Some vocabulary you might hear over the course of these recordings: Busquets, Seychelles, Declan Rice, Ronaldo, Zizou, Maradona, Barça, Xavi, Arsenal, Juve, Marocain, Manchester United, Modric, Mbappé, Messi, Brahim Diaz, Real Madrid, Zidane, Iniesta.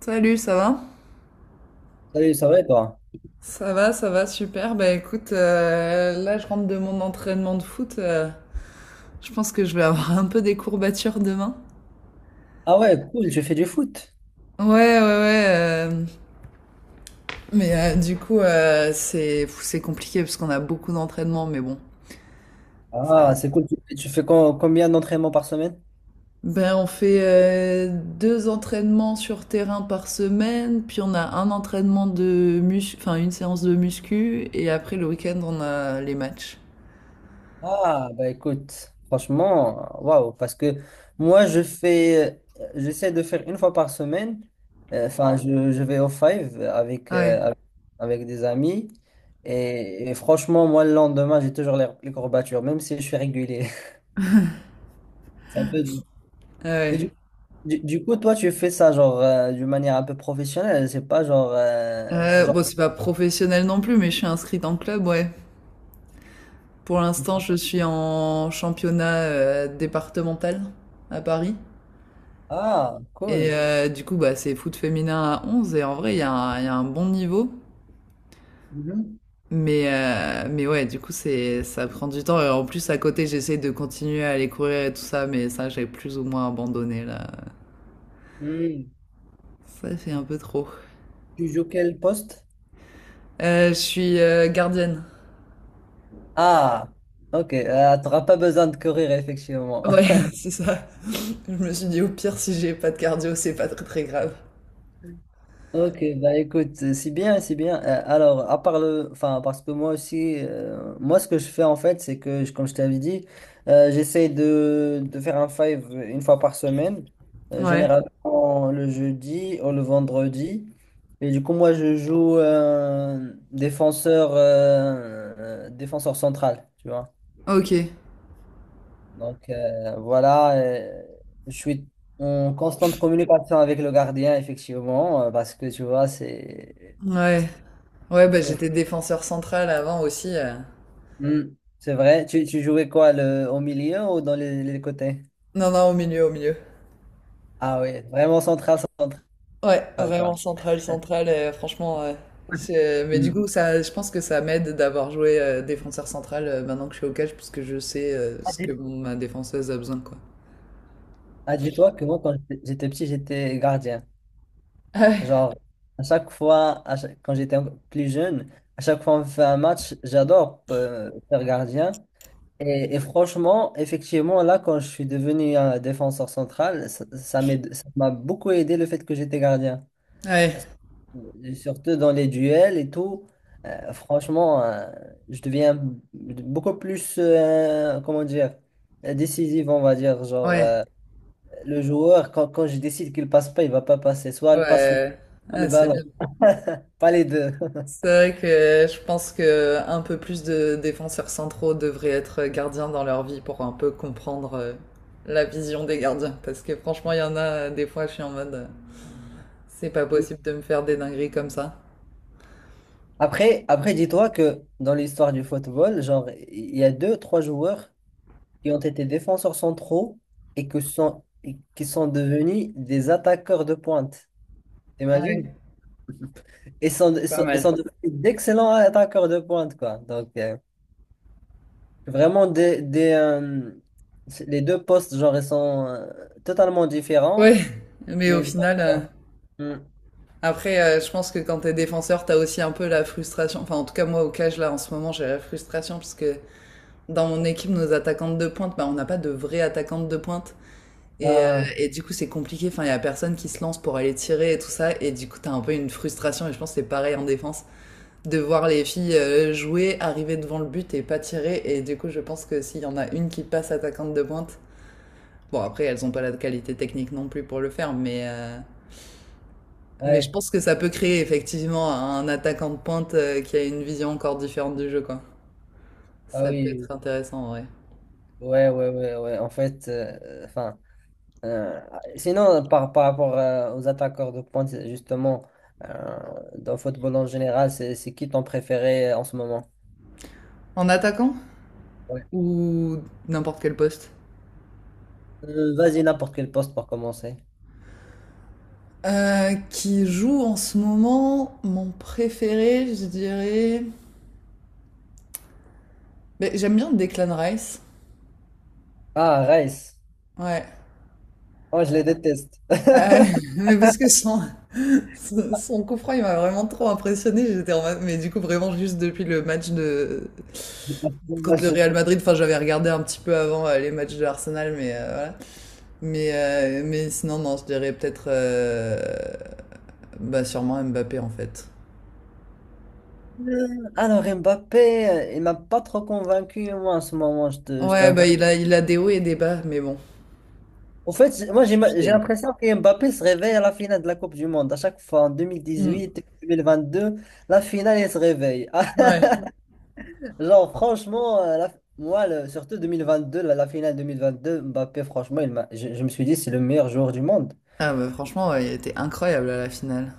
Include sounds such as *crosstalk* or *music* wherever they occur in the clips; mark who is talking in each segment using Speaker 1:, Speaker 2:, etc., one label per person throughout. Speaker 1: Salut, ça va?
Speaker 2: Salut, ça va et toi?
Speaker 1: Ça va, ça va, super. Bah écoute, là je rentre de mon entraînement de foot. Je pense que je vais avoir un peu des courbatures demain.
Speaker 2: Ah ouais, cool, tu fais du foot.
Speaker 1: Ouais, ouais, ouais. Du coup, c'est c'est compliqué parce qu'on a beaucoup d'entraînements, mais bon. Ça va.
Speaker 2: Ah, c'est cool. Tu fais combien d'entraînements par semaine?
Speaker 1: Ben on fait deux entraînements sur terrain par semaine, puis on a un entraînement de muscu, enfin une séance de muscu, et après le week-end on a les matchs.
Speaker 2: Ah, bah écoute, franchement, waouh, parce que moi, je fais, j'essaie de faire une fois par semaine. Enfin, je vais au five
Speaker 1: Ah ouais.
Speaker 2: avec des amis. Et franchement, moi, le lendemain, j'ai toujours les courbatures, même si je suis régulier. *laughs* C'est un peu dur.
Speaker 1: Ah
Speaker 2: Mais
Speaker 1: ouais.
Speaker 2: du, du coup, toi, tu fais ça, genre, d'une manière un peu professionnelle. C'est pas genre, euh, genre.
Speaker 1: Bon, c'est pas professionnel non plus, mais je suis inscrite en club, ouais. Pour l'instant, je suis en championnat départemental à Paris.
Speaker 2: Ah,
Speaker 1: Et
Speaker 2: cool.
Speaker 1: du coup, bah, c'est foot féminin à 11, et en vrai, il y a un bon niveau.
Speaker 2: Mhm.
Speaker 1: Mais, ouais, du coup, c'est, ça prend du temps. Et en plus, à côté, j'essaie de continuer à aller courir et tout ça, mais ça, j'ai plus ou moins abandonné, là.
Speaker 2: Hmm.
Speaker 1: Ça fait un peu trop.
Speaker 2: Tu joues quel poste?
Speaker 1: Je suis gardienne.
Speaker 2: Ah, ok. T'auras pas besoin de courir, effectivement.
Speaker 1: Ouais,
Speaker 2: *laughs*
Speaker 1: *laughs* c'est ça. Je me suis dit, au pire, si j'ai pas de cardio, c'est pas très très grave.
Speaker 2: Ok, bah écoute, c'est bien, c'est bien. Alors, à part le, enfin, parce que moi aussi, moi ce que je fais en fait, c'est que, comme je t'avais dit, j'essaie de faire un five une fois par semaine,
Speaker 1: Ouais.
Speaker 2: généralement le jeudi ou le vendredi. Et du coup, moi, je joue défenseur, défenseur central, tu vois.
Speaker 1: Ok.
Speaker 2: Donc voilà, je suis en constante communication avec le gardien, effectivement, parce que tu vois,
Speaker 1: Ouais. Ouais,
Speaker 2: il
Speaker 1: bah
Speaker 2: faut-
Speaker 1: j'étais défenseur central avant aussi.
Speaker 2: Hmm, c'est vrai. Tu jouais quoi, le, au milieu ou dans les côtés?
Speaker 1: Non, non, au milieu, au milieu.
Speaker 2: Ah oui, vraiment central, central,
Speaker 1: Ouais, vraiment
Speaker 2: quoi.
Speaker 1: central, central. Franchement, ouais. C'est- Mais du
Speaker 2: Hmm.
Speaker 1: coup, ça, je pense que ça m'aide d'avoir joué défenseur central maintenant que je suis au catch, parce que je sais
Speaker 2: Ah,
Speaker 1: ce que
Speaker 2: dis-
Speaker 1: ma défenseuse a besoin, quoi.
Speaker 2: ah, dis-toi que moi, quand j'étais petit, j'étais gardien.
Speaker 1: Ah
Speaker 2: Genre, à chaque fois, à chaque- quand plus jeune, à chaque fois on fait un match, j'adore faire gardien. Et franchement, effectivement, là, quand je suis devenu un défenseur central, ça m'a beaucoup aidé le fait que j'étais gardien.
Speaker 1: ouais,
Speaker 2: Parce que, surtout dans les duels et tout, franchement, je deviens beaucoup plus, comment dire, décisif, on va dire. Genre,
Speaker 1: ouais,
Speaker 2: le joueur, quand je décide qu'il passe pas, il va pas passer. Soit
Speaker 1: ouais.
Speaker 2: il passe le,
Speaker 1: Ouais.
Speaker 2: soit le
Speaker 1: Ah, c'est bien.
Speaker 2: ballon, pas les deux. *laughs*
Speaker 1: C'est vrai que je pense que un peu plus de défenseurs centraux devraient être gardiens dans leur vie pour un peu comprendre la vision des gardiens. Parce que franchement, il y en a des fois, je suis en mode, c'est pas possible de me faire des dingueries comme ça.
Speaker 2: Après, après, dis-toi que dans l'histoire du football, genre, il y a deux, trois joueurs qui ont été défenseurs centraux et qui sont devenus des attaqueurs de pointe.
Speaker 1: Ah oui,
Speaker 2: T'imagines?
Speaker 1: pas
Speaker 2: Ils sont
Speaker 1: mal.
Speaker 2: devenus d'excellents attaqueurs de pointe, quoi. Donc, vraiment, les deux postes, genre, ils sont totalement
Speaker 1: Ouais,
Speaker 2: différents.
Speaker 1: *laughs* mais au
Speaker 2: Mais genre,
Speaker 1: final,
Speaker 2: hmm,
Speaker 1: je pense que quand t'es défenseur, t'as aussi un peu la frustration. Enfin, en tout cas, moi, au cage, là, en ce moment, j'ai la frustration parce que dans mon équipe, nos attaquantes de pointe, bah, on n'a pas de vraies attaquantes de pointe. Et, heu,
Speaker 2: ah,
Speaker 1: et du coup, c'est compliqué. Enfin, il y a personne qui se lance pour aller tirer et tout ça. Et du coup, t'as un peu une frustration et je pense que c'est pareil en défense, de voir les filles, jouer, arriver devant le but et pas tirer. Et du coup, je pense que s'il y en a une qui passe attaquante de pointe, bon après elles ont pas la qualité technique non plus pour le faire, mais je
Speaker 2: ouais,
Speaker 1: pense que ça peut créer effectivement un attaquant de pointe, qui a une vision encore différente du jeu, quoi.
Speaker 2: ah
Speaker 1: Ça peut
Speaker 2: oui,
Speaker 1: être intéressant, ouais.
Speaker 2: oui. Ouais, ouais, ouais, ouais. En fait, enfin. Euh, Sinon, par rapport aux attaqueurs de pointe, justement, euh, dans le football en général, c'est qui ton préféré en ce moment?
Speaker 1: En attaquant?
Speaker 2: Ouais.
Speaker 1: Ou n'importe quel poste?
Speaker 2: Vas-y, n'importe quel poste pour commencer.
Speaker 1: Qui joue en ce moment mon préféré, je dirais. Ben, j'aime bien Declan Rice.
Speaker 2: Ah, Rice.
Speaker 1: Ouais.
Speaker 2: Oh, je les déteste.
Speaker 1: Euh, *laughs*
Speaker 2: *laughs*
Speaker 1: mais parce que son coup franc, il m'a vraiment trop impressionné. J'étais en mode, mais du coup, vraiment, juste depuis le match de. Contre le
Speaker 2: Dommage.
Speaker 1: Real Madrid, enfin, j'avais regardé un petit peu avant les matchs de Arsenal, mais voilà. Mais sinon, non, je dirais peut-être. Bah, sûrement Mbappé, en fait.
Speaker 2: Euh, Alors, Mbappé, il m'a pas trop convaincu, moi, en ce moment, je
Speaker 1: Ouais,
Speaker 2: t'avoue.
Speaker 1: bah, il a des hauts et des bas, mais bon,
Speaker 2: En fait, moi,
Speaker 1: je suis
Speaker 2: j'ai
Speaker 1: fidèle.
Speaker 2: l'impression que Mbappé se réveille à la finale de la Coupe du Monde. À chaque fois, en
Speaker 1: Mm.
Speaker 2: 2018, 2022, la finale, il se réveille. *laughs*
Speaker 1: Ouais.
Speaker 2: Genre, franchement, moi, surtout 2022, la finale 2022, Mbappé, franchement, je me suis dit, c'est le meilleur joueur du monde.
Speaker 1: Ah bah franchement, ouais, il était incroyable à la finale.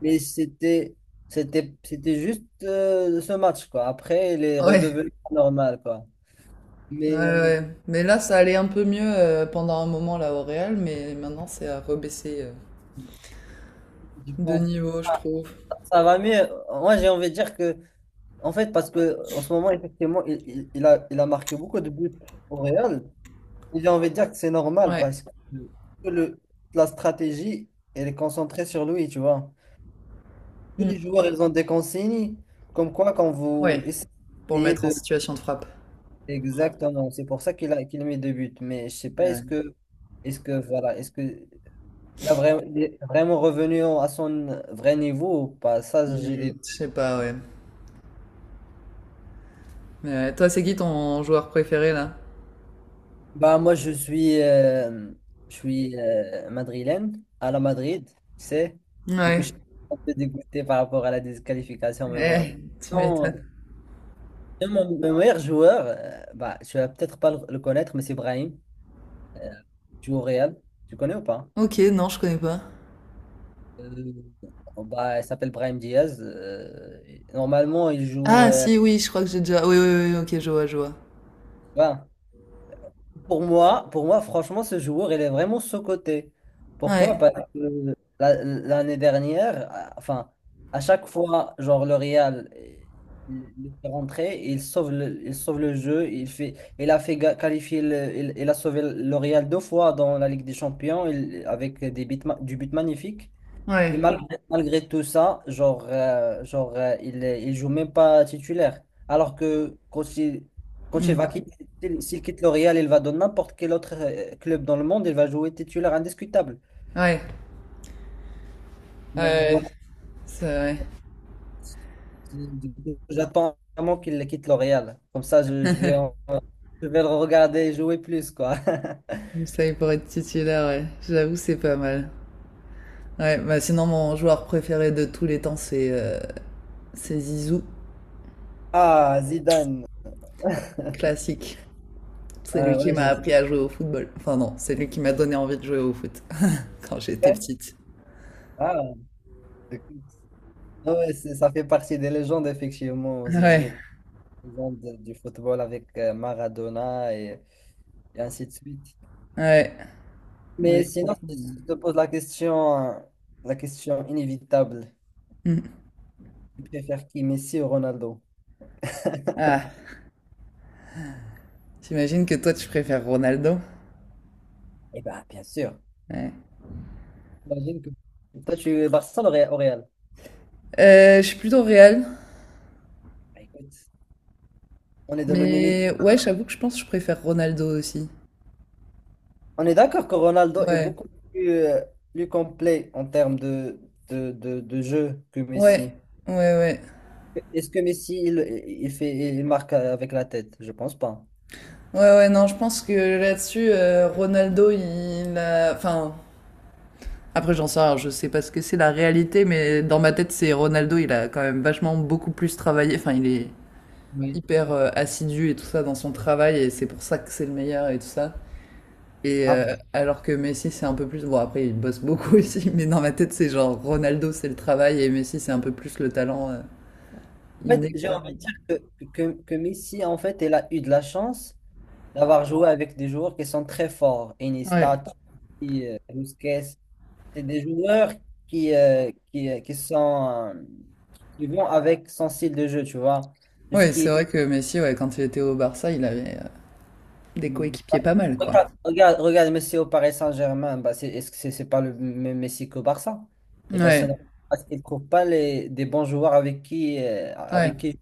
Speaker 2: Mais c'était, c'était juste ce match, quoi. Après, il est
Speaker 1: Ouais,
Speaker 2: redevenu normal, quoi.
Speaker 1: ouais,
Speaker 2: Mais
Speaker 1: ouais. Mais là, ça allait un peu mieux pendant un moment là au Real, mais maintenant c'est à rebaisser
Speaker 2: je
Speaker 1: de
Speaker 2: pense que
Speaker 1: niveau, je trouve.
Speaker 2: ça va mieux. Moi, j'ai envie de dire que, en fait, parce que en ce moment, effectivement, il a marqué beaucoup de buts au Real. Et j'ai envie de dire que c'est normal
Speaker 1: Ouais,
Speaker 2: parce que le, la stratégie, elle est concentrée sur lui, tu vois. Tous
Speaker 1: mm,
Speaker 2: les joueurs, ils ont des consignes, comme quoi quand vous
Speaker 1: ouais, pour le
Speaker 2: essayez
Speaker 1: mettre en
Speaker 2: de…
Speaker 1: situation de frappe.
Speaker 2: Exactement, c'est pour ça qu'il a mis deux buts. Mais je sais pas,
Speaker 1: Euh,
Speaker 2: est-ce que il est vraiment revenu à son vrai niveau ou pas? Ça, j'ai des…
Speaker 1: Je sais pas, ouais. Mais ouais, toi, c'est qui ton joueur préféré là?
Speaker 2: Bah, moi, je suis madrilène, à la Madrid, tu sais. Du coup, je
Speaker 1: Ouais.
Speaker 2: suis un peu dégoûté par rapport à la disqualification, mais
Speaker 1: Eh,
Speaker 2: bon.
Speaker 1: tu
Speaker 2: Non,
Speaker 1: m'étonnes.
Speaker 2: et mon meilleur joueur, bah, tu vas peut-être pas le connaître, mais c'est Brahim. Euh, joue au Real. Tu connais ou pas?
Speaker 1: Ok, non, je connais pas.
Speaker 2: Euh, oh, bah, il s'appelle Brahim Diaz. Euh, et normalement, il joue.
Speaker 1: Ah
Speaker 2: Euh,
Speaker 1: si, oui, je crois que j'ai déjà. Oui, oui, oui, ok, je vois, je vois.
Speaker 2: voilà. Pour moi, franchement, ce joueur, il est vraiment sous-coté. Pourquoi?
Speaker 1: Ouais,
Speaker 2: Parce que l'année dernière, enfin, à chaque fois, genre le Real, il est rentré, il sauve le jeu, il a fait ga- qualifier, il a sauvé le Real deux fois dans la Ligue des Champions, avec des buts, du but magnifique.
Speaker 1: ouais,
Speaker 2: Et malgré, malgré tout ça, il joue même pas titulaire. Alors que quand il va
Speaker 1: mm.
Speaker 2: quitter, s'il quitte le Real, il va dans n'importe quel autre club dans le monde, il va jouer titulaire indiscutable.
Speaker 1: Ouais, ouais,
Speaker 2: Mais
Speaker 1: ouais,
Speaker 2: voilà,
Speaker 1: c'est vrai.
Speaker 2: du coup, j'attends vraiment qu'il quitte le Real. Comme ça, je vais le regarder jouer plus, quoi. *laughs*
Speaker 1: Moussaï pour être titulaire, ouais. J'avoue, c'est pas mal. Ouais, bah sinon, mon joueur préféré de tous les temps, c'est Zizou,
Speaker 2: Ah, Zidane.
Speaker 1: classique. C'est lui
Speaker 2: Ah,
Speaker 1: qui
Speaker 2: ouais,
Speaker 1: m'a
Speaker 2: je sais.
Speaker 1: appris à jouer au football. Enfin, non, c'est lui qui m'a donné envie de jouer au foot *laughs* quand j'étais petite.
Speaker 2: Ah, écoute. Ah ouais, ça fait partie des légendes, effectivement, Zizou.
Speaker 1: Ouais,
Speaker 2: Exemple, du football avec Maradona et ainsi de suite.
Speaker 1: ouais, mais
Speaker 2: Mais sinon, si
Speaker 1: franchement.
Speaker 2: je te pose la question, inévitable,
Speaker 1: euh, hmm.
Speaker 2: tu préfères qui, Messi ou Ronaldo?
Speaker 1: Ah, t'imagines que toi, tu préfères Ronaldo?
Speaker 2: Eh bien, bien sûr.
Speaker 1: Ouais.
Speaker 2: J'imagine que toi, tu es Barça au Real.
Speaker 1: Je suis plutôt Real,
Speaker 2: Bah, écoute, on est dans le même équipe.
Speaker 1: mais ouais, j'avoue que je pense que je préfère Ronaldo aussi.
Speaker 2: On est d'accord que Ronaldo est
Speaker 1: Ouais,
Speaker 2: beaucoup plus, plus complet en termes de jeu que
Speaker 1: ouais,
Speaker 2: Messi.
Speaker 1: ouais, ouais.
Speaker 2: Est-ce que Messi, il fait, il marque avec la tête? Je pense pas.
Speaker 1: Ouais, ouais, non, je pense que là-dessus, Ronaldo, il a. Enfin, après, j'en sais rien, je sais pas ce que c'est la réalité, mais dans ma tête, c'est Ronaldo, il a quand même vachement beaucoup plus travaillé. Enfin, il est
Speaker 2: Oui.
Speaker 1: hyper assidu et tout ça dans son travail, et c'est pour ça que c'est le meilleur et tout ça. Et alors que Messi, c'est un peu plus. Bon, après, il bosse beaucoup *laughs* aussi, mais dans ma tête, c'est genre Ronaldo, c'est le travail, et Messi, c'est un peu plus le talent
Speaker 2: En fait,
Speaker 1: inné,
Speaker 2: j'ai
Speaker 1: quoi.
Speaker 2: envie de dire que, que Messi, en fait, elle a eu de la chance d'avoir joué avec des joueurs qui sont très forts.
Speaker 1: Ouais.
Speaker 2: Iniesta, Busquets, c'est des joueurs qui sont, qui vont avec son style de jeu, tu vois. Tout ce
Speaker 1: Ouais,
Speaker 2: qui
Speaker 1: c'est
Speaker 2: est…
Speaker 1: vrai que Messi, ouais, quand il était au Barça, il avait des coéquipiers pas mal, quoi.
Speaker 2: Regarde Messi au Paris Saint-Germain, bah c'est, est-ce que c'est pas le même Messi qu'au Barça? Et ben c'est
Speaker 1: Ouais.
Speaker 2: normal, parce qu'il ne trouve pas des bons joueurs
Speaker 1: Ouais.
Speaker 2: avec qui.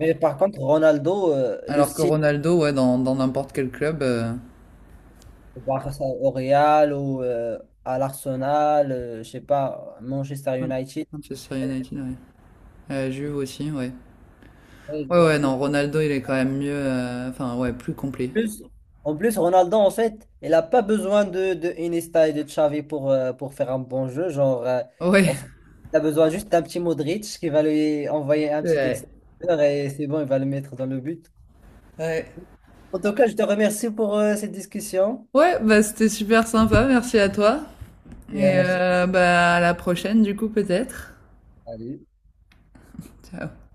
Speaker 2: Mais par contre, Ronaldo, le
Speaker 1: Alors que
Speaker 2: style
Speaker 1: Ronaldo, ouais, dans n'importe quel club,
Speaker 2: bah, face au Real ou à l'Arsenal, je sais pas, Manchester
Speaker 1: ouais.
Speaker 2: United.
Speaker 1: Manchester United, ouais. Juve aussi, ouais. Ouais,
Speaker 2: Ouais,
Speaker 1: ouais, non, Ronaldo, il est quand même mieux, enfin, ouais, plus complet.
Speaker 2: plus- En plus, Ronaldo, en fait, il n'a pas besoin de Iniesta et de Xavi pour faire un bon jeu. Genre,
Speaker 1: Ouais,
Speaker 2: en fait, il a besoin juste d'un petit Modric qui va lui envoyer
Speaker 1: *laughs*
Speaker 2: un
Speaker 1: c'est
Speaker 2: petit
Speaker 1: vrai.
Speaker 2: extérieur et c'est bon, il va le mettre dans le but.
Speaker 1: Ouais.
Speaker 2: En tout cas, je te remercie pour cette discussion.
Speaker 1: Ouais, bah, c'était super sympa, merci à toi.
Speaker 2: Et,
Speaker 1: Et bah, à la prochaine, du coup, peut-être.
Speaker 2: salut.
Speaker 1: Ciao.